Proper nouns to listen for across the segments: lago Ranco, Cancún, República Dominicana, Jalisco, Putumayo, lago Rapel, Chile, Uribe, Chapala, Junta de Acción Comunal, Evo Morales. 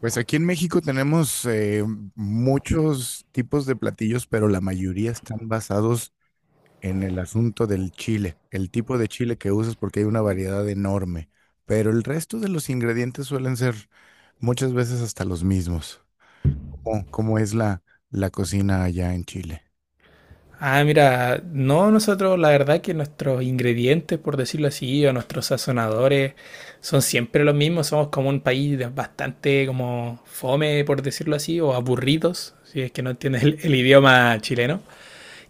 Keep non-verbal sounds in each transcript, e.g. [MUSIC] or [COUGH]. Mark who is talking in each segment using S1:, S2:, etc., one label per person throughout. S1: Pues aquí en México tenemos muchos tipos de platillos, pero la mayoría están basados en el asunto del chile, el tipo de chile que usas porque hay una variedad enorme, pero el resto de los ingredientes suelen ser muchas veces hasta los mismos. ¿Cómo es la cocina allá en Chile?
S2: Ah, mira, no, nosotros la verdad que nuestros ingredientes, por decirlo así, o nuestros sazonadores son siempre los mismos, somos como un país bastante como fome, por decirlo así, o aburridos, si es que no entiendes el idioma chileno,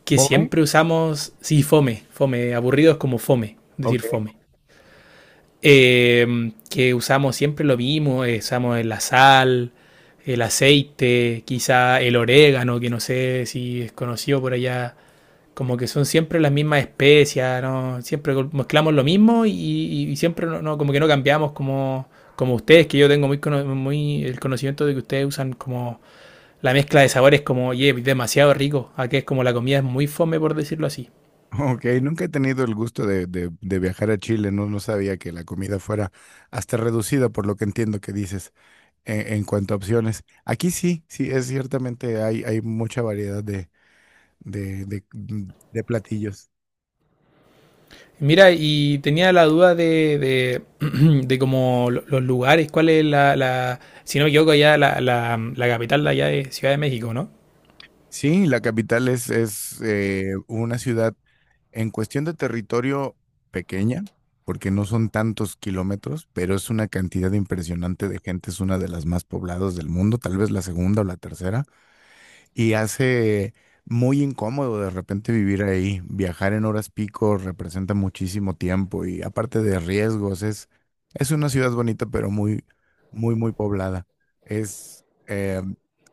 S2: que
S1: ¿Come?
S2: siempre usamos, sí, fome, fome, aburridos como fome,
S1: Ok.
S2: decir
S1: [LAUGHS]
S2: fome. Que usamos siempre lo mismo, usamos la sal, el aceite, quizá el orégano, que no sé si es conocido por allá. Como que son siempre las mismas especias, ¿no? Siempre mezclamos lo mismo y siempre no, no, como que no cambiamos como, como ustedes, que yo tengo muy, muy el conocimiento de que ustedes usan como la mezcla de sabores como, oye, yeah, demasiado rico. Aquí es como la comida es muy fome por decirlo así.
S1: Ok, nunca he tenido el gusto de viajar a Chile, no, no sabía que la comida fuera hasta reducida por lo que entiendo que dices. En cuanto a opciones. Aquí sí, sí, es ciertamente hay, hay mucha variedad de platillos.
S2: Mira, y tenía la duda [CLEARS THROAT] de como los lugares, cuál es la si no me equivoco, allá la capital de allá de Ciudad de México, ¿no?
S1: Sí, la capital es una ciudad en cuestión de territorio pequeña, porque no son tantos kilómetros, pero es una cantidad impresionante de gente, es una de las más pobladas del mundo, tal vez la segunda o la tercera. Y hace muy incómodo de repente vivir ahí. Viajar en horas pico representa muchísimo tiempo y aparte de riesgos, es una ciudad bonita, pero muy poblada. Es,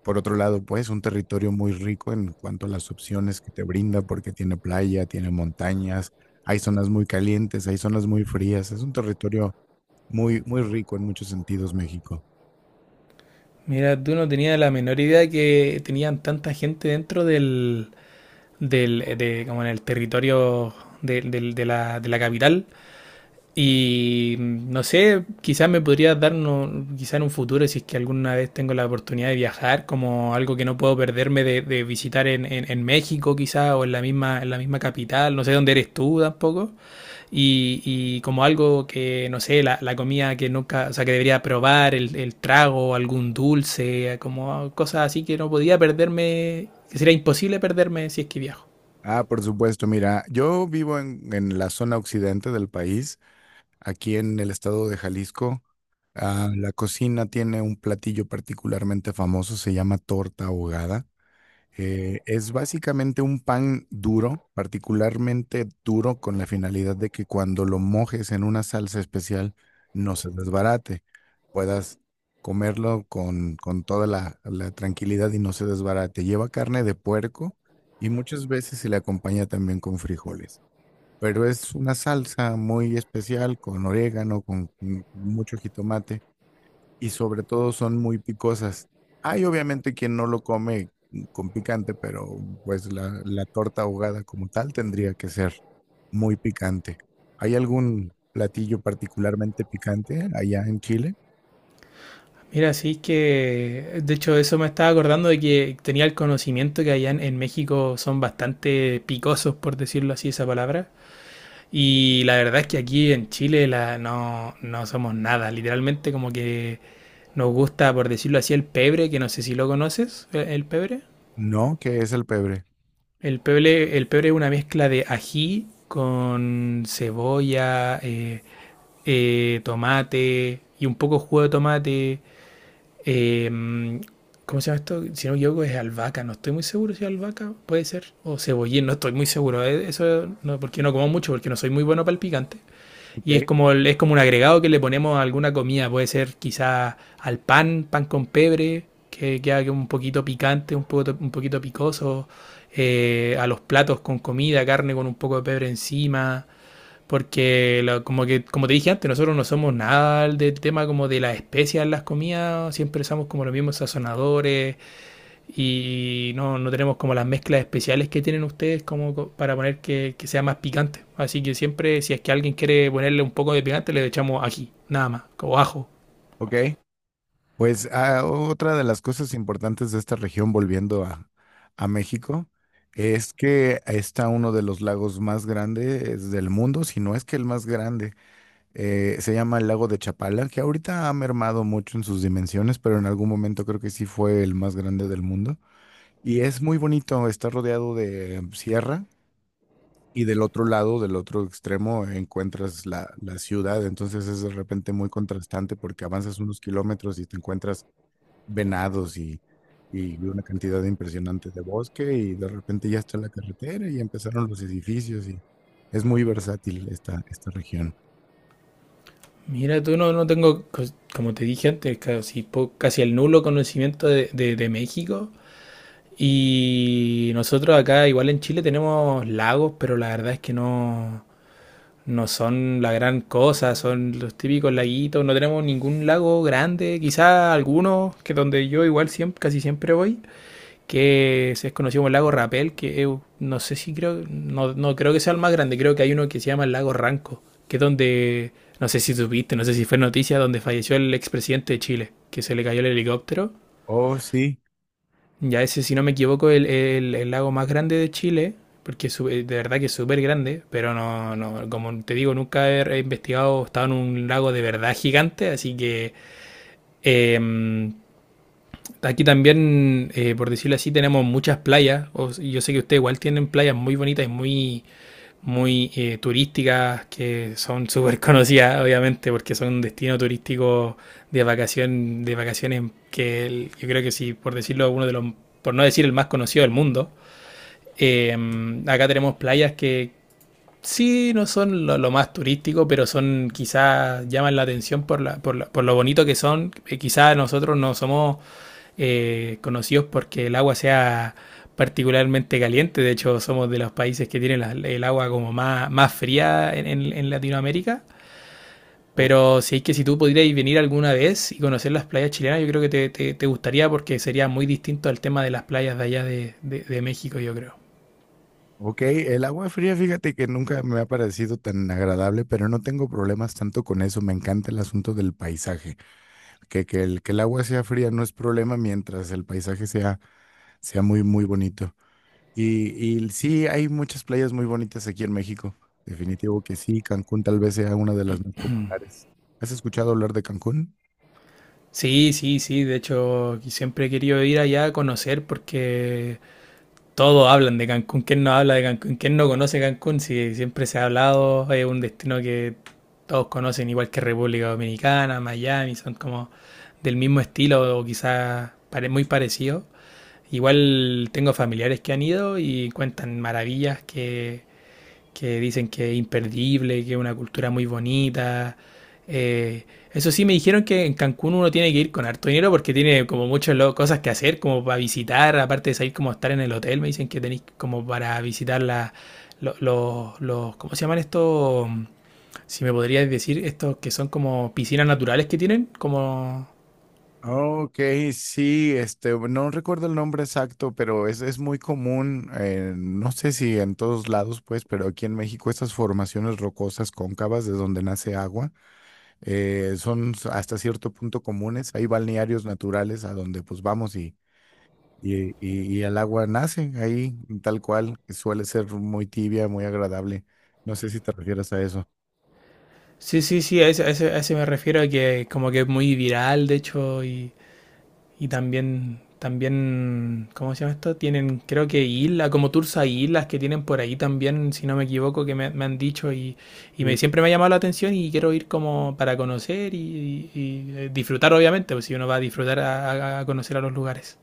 S1: por otro lado, pues, un territorio muy rico en cuanto a las opciones que te brinda, porque tiene playa, tiene montañas, hay zonas muy calientes, hay zonas muy frías. Es un territorio muy, muy rico en muchos sentidos, México.
S2: Mira, tú no tenías la menor idea que tenían tanta gente dentro como en el territorio de la capital. Y no sé, quizás me podría dar, no, quizás en un futuro, si es que alguna vez tengo la oportunidad de viajar, como algo que no puedo perderme de visitar en México, quizás, o en la misma capital, no sé dónde eres tú tampoco. Y como algo que, no sé, comida que nunca, o sea, que debería probar, el trago, algún dulce, como cosas así que no podía perderme, que sería imposible perderme si es que viajo.
S1: Ah, por supuesto, mira, yo vivo en la zona occidente del país, aquí en el estado de Jalisco. Ah, la cocina tiene un platillo particularmente famoso, se llama torta ahogada. Es básicamente un pan duro, particularmente duro, con la finalidad de que cuando lo mojes en una salsa especial no se desbarate, puedas comerlo con toda la, la tranquilidad y no se desbarate. Lleva carne de puerco y muchas veces se le acompaña también con frijoles, pero es una salsa muy especial con orégano, con mucho jitomate y sobre todo son muy picosas. Hay obviamente quien no lo come con picante, pero pues la torta ahogada como tal tendría que ser muy picante. ¿Hay algún platillo particularmente picante allá en Chile?
S2: Mira, sí que, de hecho, eso me estaba acordando de que tenía el conocimiento que allá en México son bastante picosos, por decirlo así, esa palabra. Y la verdad es que aquí en Chile la, no, no somos nada. Literalmente como que nos gusta, por decirlo así, el pebre, que no sé si lo conoces, el pebre.
S1: No, que es el pebre.
S2: El pebre, el pebre es una mezcla de ají con cebolla, tomate y un poco jugo de tomate. Eh, ¿Cómo se llama esto? Si no me equivoco, es albahaca. No estoy muy seguro si es albahaca, puede ser. O cebollín, no estoy muy seguro. Eso no, porque no como mucho, porque no soy muy bueno para el picante.
S1: Ok.
S2: Y es como, es como un agregado que le ponemos a alguna comida. Puede ser quizá al pan, pan con pebre, que queda que un poquito picante, un poquito picoso. A los platos con comida, carne con un poco de pebre encima. Porque como que, como te dije antes, nosotros no somos nada del tema como de las especias en las comidas, siempre usamos como los mismos sazonadores y no, no tenemos como las mezclas especiales que tienen ustedes como para poner que sea más picante. Así que siempre, si es que alguien quiere ponerle un poco de picante, le echamos ají, nada más, o ajo.
S1: Ok. Pues otra de las cosas importantes de esta región, volviendo a México, es que está uno de los lagos más grandes del mundo, si no es que el más grande. Se llama el lago de Chapala, que ahorita ha mermado mucho en sus dimensiones, pero en algún momento creo que sí fue el más grande del mundo. Y es muy bonito, está rodeado de sierra y del otro lado, del otro extremo, encuentras la, la ciudad. Entonces es de repente muy contrastante porque avanzas unos kilómetros y te encuentras venados y una cantidad impresionante de bosque y de repente ya está la carretera y empezaron los edificios y es muy versátil esta, esta región.
S2: Mira, tú no, no tengo, como te dije antes, casi, casi el nulo conocimiento de México. Y nosotros acá, igual en Chile, tenemos lagos, pero la verdad es que no, no son la gran cosa, son los típicos laguitos, no tenemos ningún lago grande, quizá algunos, que donde yo igual siempre, casi siempre voy, que es conocido como el lago Rapel, no sé si creo, no, no creo que sea el más grande, creo que hay uno que se llama el lago Ranco, que es donde, no sé si supiste, no sé si fue noticia, donde falleció el expresidente de Chile, que se le cayó el helicóptero.
S1: Oh, sí.
S2: Ya ese, si no me equivoco, el lago más grande de Chile, porque de verdad que es súper grande, pero no, no, como te digo, nunca he investigado, he estado en un lago de verdad gigante, así que eh, aquí también, por decirlo así, tenemos muchas playas, yo sé que ustedes igual tienen playas muy bonitas y muy muy turísticas, que son súper conocidas, obviamente, porque son un destino turístico de vacación, de vacaciones yo creo que sí, por decirlo, uno de los, por no decir el más conocido del mundo. Eh, Acá tenemos playas que sí no son lo más turístico, pero son quizás llaman la atención por la, por lo bonito que son. Quizás nosotros no somos conocidos porque el agua sea particularmente caliente. De hecho, somos de los países que tienen el agua como más, más fría en Latinoamérica.
S1: Ok.
S2: Pero si es que si tú pudieras venir alguna vez y conocer las playas chilenas, yo creo que te, te gustaría porque sería muy distinto al tema de las playas de allá de México, yo creo.
S1: Ok, el agua fría, fíjate que nunca me ha parecido tan agradable, pero no tengo problemas tanto con eso. Me encanta el asunto del paisaje. Que el agua sea fría no es problema mientras el paisaje sea, sea muy, muy bonito. Y, y sí, hay muchas playas muy bonitas aquí en México. Definitivo que sí, Cancún tal vez sea una de las más
S2: [CLEARS THROAT]
S1: populares. ¿Has escuchado hablar de Cancún?
S2: Sí, sí, sí. De hecho, siempre he querido ir allá a conocer porque todos hablan de Cancún. ¿Quién no habla de Cancún? ¿Quién no conoce Cancún? Si siempre se ha hablado, es un destino que todos conocen, igual que República Dominicana, Miami, son como del mismo estilo o quizás muy parecido. Igual tengo familiares que han ido y cuentan maravillas que dicen que es imperdible, que es una cultura muy bonita. Eh, Eso sí, me dijeron que en Cancún uno tiene que ir con harto dinero porque tiene como muchas cosas que hacer, como para visitar, aparte de salir como a estar en el hotel, me dicen que tenéis como para visitar la, los, ¿cómo se llaman estos? Si me podrías decir, estos que son como piscinas naturales que tienen, como...
S1: Ok, sí, este, no recuerdo el nombre exacto, pero es muy común, no sé si en todos lados, pues, pero aquí en México estas formaciones rocosas cóncavas de donde nace agua son s- hasta cierto punto comunes. Hay balnearios naturales a donde pues vamos y, y el agua nace ahí tal cual, que suele ser muy tibia, muy agradable. No sé si te refieres a eso.
S2: Sí, sí, sí, a ese, a ese, a ese me refiero, a que como que es muy viral, de hecho. Y también, también, ¿cómo se llama esto? Tienen, creo que islas, como tours a islas que tienen por ahí también, si no me equivoco, que me han dicho y me, siempre me ha llamado la atención y quiero ir como para conocer y, y, disfrutar, obviamente, pues si uno va a disfrutar a, a conocer a los lugares.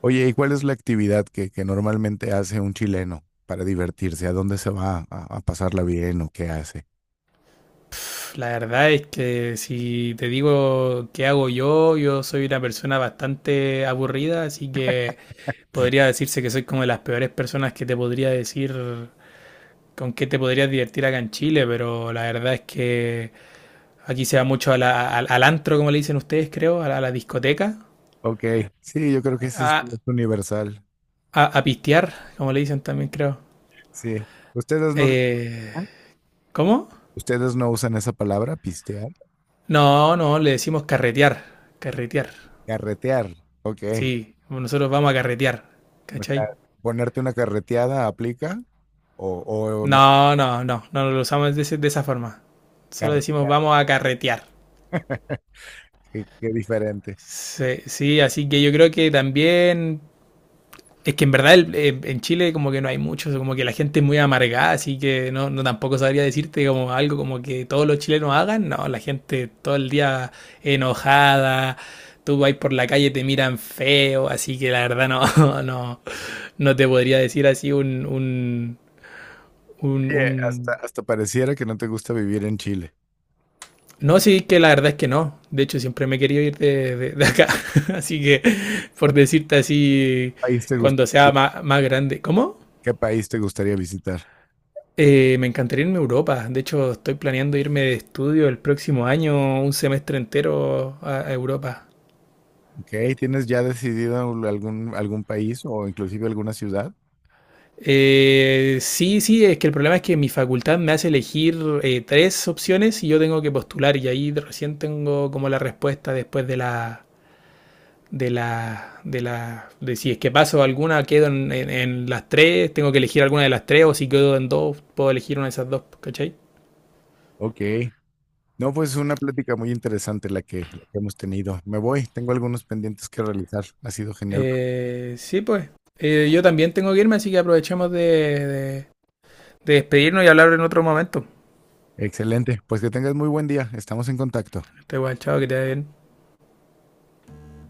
S1: Oye, ¿y cuál es la actividad que normalmente hace un chileno para divertirse? ¿A dónde se va a pasarla bien o qué hace?
S2: La verdad es que si te digo qué hago yo, yo soy una persona bastante aburrida, así que podría decirse que soy como de las peores personas que te podría decir con qué te podrías divertir acá en Chile, pero la verdad es que aquí se va mucho a al antro, como le dicen ustedes, creo, a la discoteca,
S1: Ok, sí, yo creo que eso
S2: a,
S1: es universal.
S2: a pistear, como le dicen también, creo.
S1: Sí. ¿Ustedes no,
S2: Eh, ¿Cómo?
S1: ¿ustedes no usan esa palabra, pistear?
S2: No, no, le decimos carretear, carretear.
S1: Carretear. Ok.
S2: Sí, nosotros vamos a carretear,
S1: O
S2: ¿cachai?
S1: sea, ponerte una carreteada aplica o, o no.
S2: No, no, no, no lo usamos de, de esa forma. Solo
S1: Car-
S2: decimos vamos a carretear.
S1: qué, qué diferente.
S2: Sí, sí, así que yo creo que también. Es que en verdad en Chile como que no hay mucho, como que la gente es muy amargada, así que no, no tampoco sabría decirte como algo como que todos los chilenos hagan, no, la gente todo el día enojada, tú vas por la calle te miran feo, así que la verdad no, [LAUGHS] no, no te podría decir así
S1: Oye,
S2: un-
S1: hasta, hasta pareciera que no te gusta vivir en Chile.
S2: No, sí, que la verdad es que no, de hecho siempre me he querido ir de, de acá, [LAUGHS] así que
S1: ¿Qué
S2: por decirte así,
S1: país te gust-
S2: cuando sea más grande, ¿cómo?
S1: ¿Qué país te gustaría visitar?
S2: Me encantaría irme a Europa. De hecho, estoy planeando irme de estudio el próximo año, un semestre entero a Europa.
S1: Ok, ¿tienes ya decidido algún, algún país o inclusive alguna ciudad?
S2: Sí, sí, es que el problema es que mi facultad me hace elegir tres opciones y yo tengo que postular y ahí recién tengo como la respuesta después de de si es que paso alguna, quedo en, en las tres, tengo que elegir alguna de las tres o si quedo en dos, puedo elegir una de esas dos, ¿cachai?
S1: Ok. No, pues es una plática muy interesante la que hemos tenido. Me voy, tengo algunos pendientes que realizar. Ha sido genial.
S2: Sí, pues. Yo también tengo que irme, así que aprovechemos de, de despedirnos y hablar en otro momento.
S1: Excelente. Pues que tengas muy buen día. Estamos en contacto.
S2: Este guachado que te vaya bien.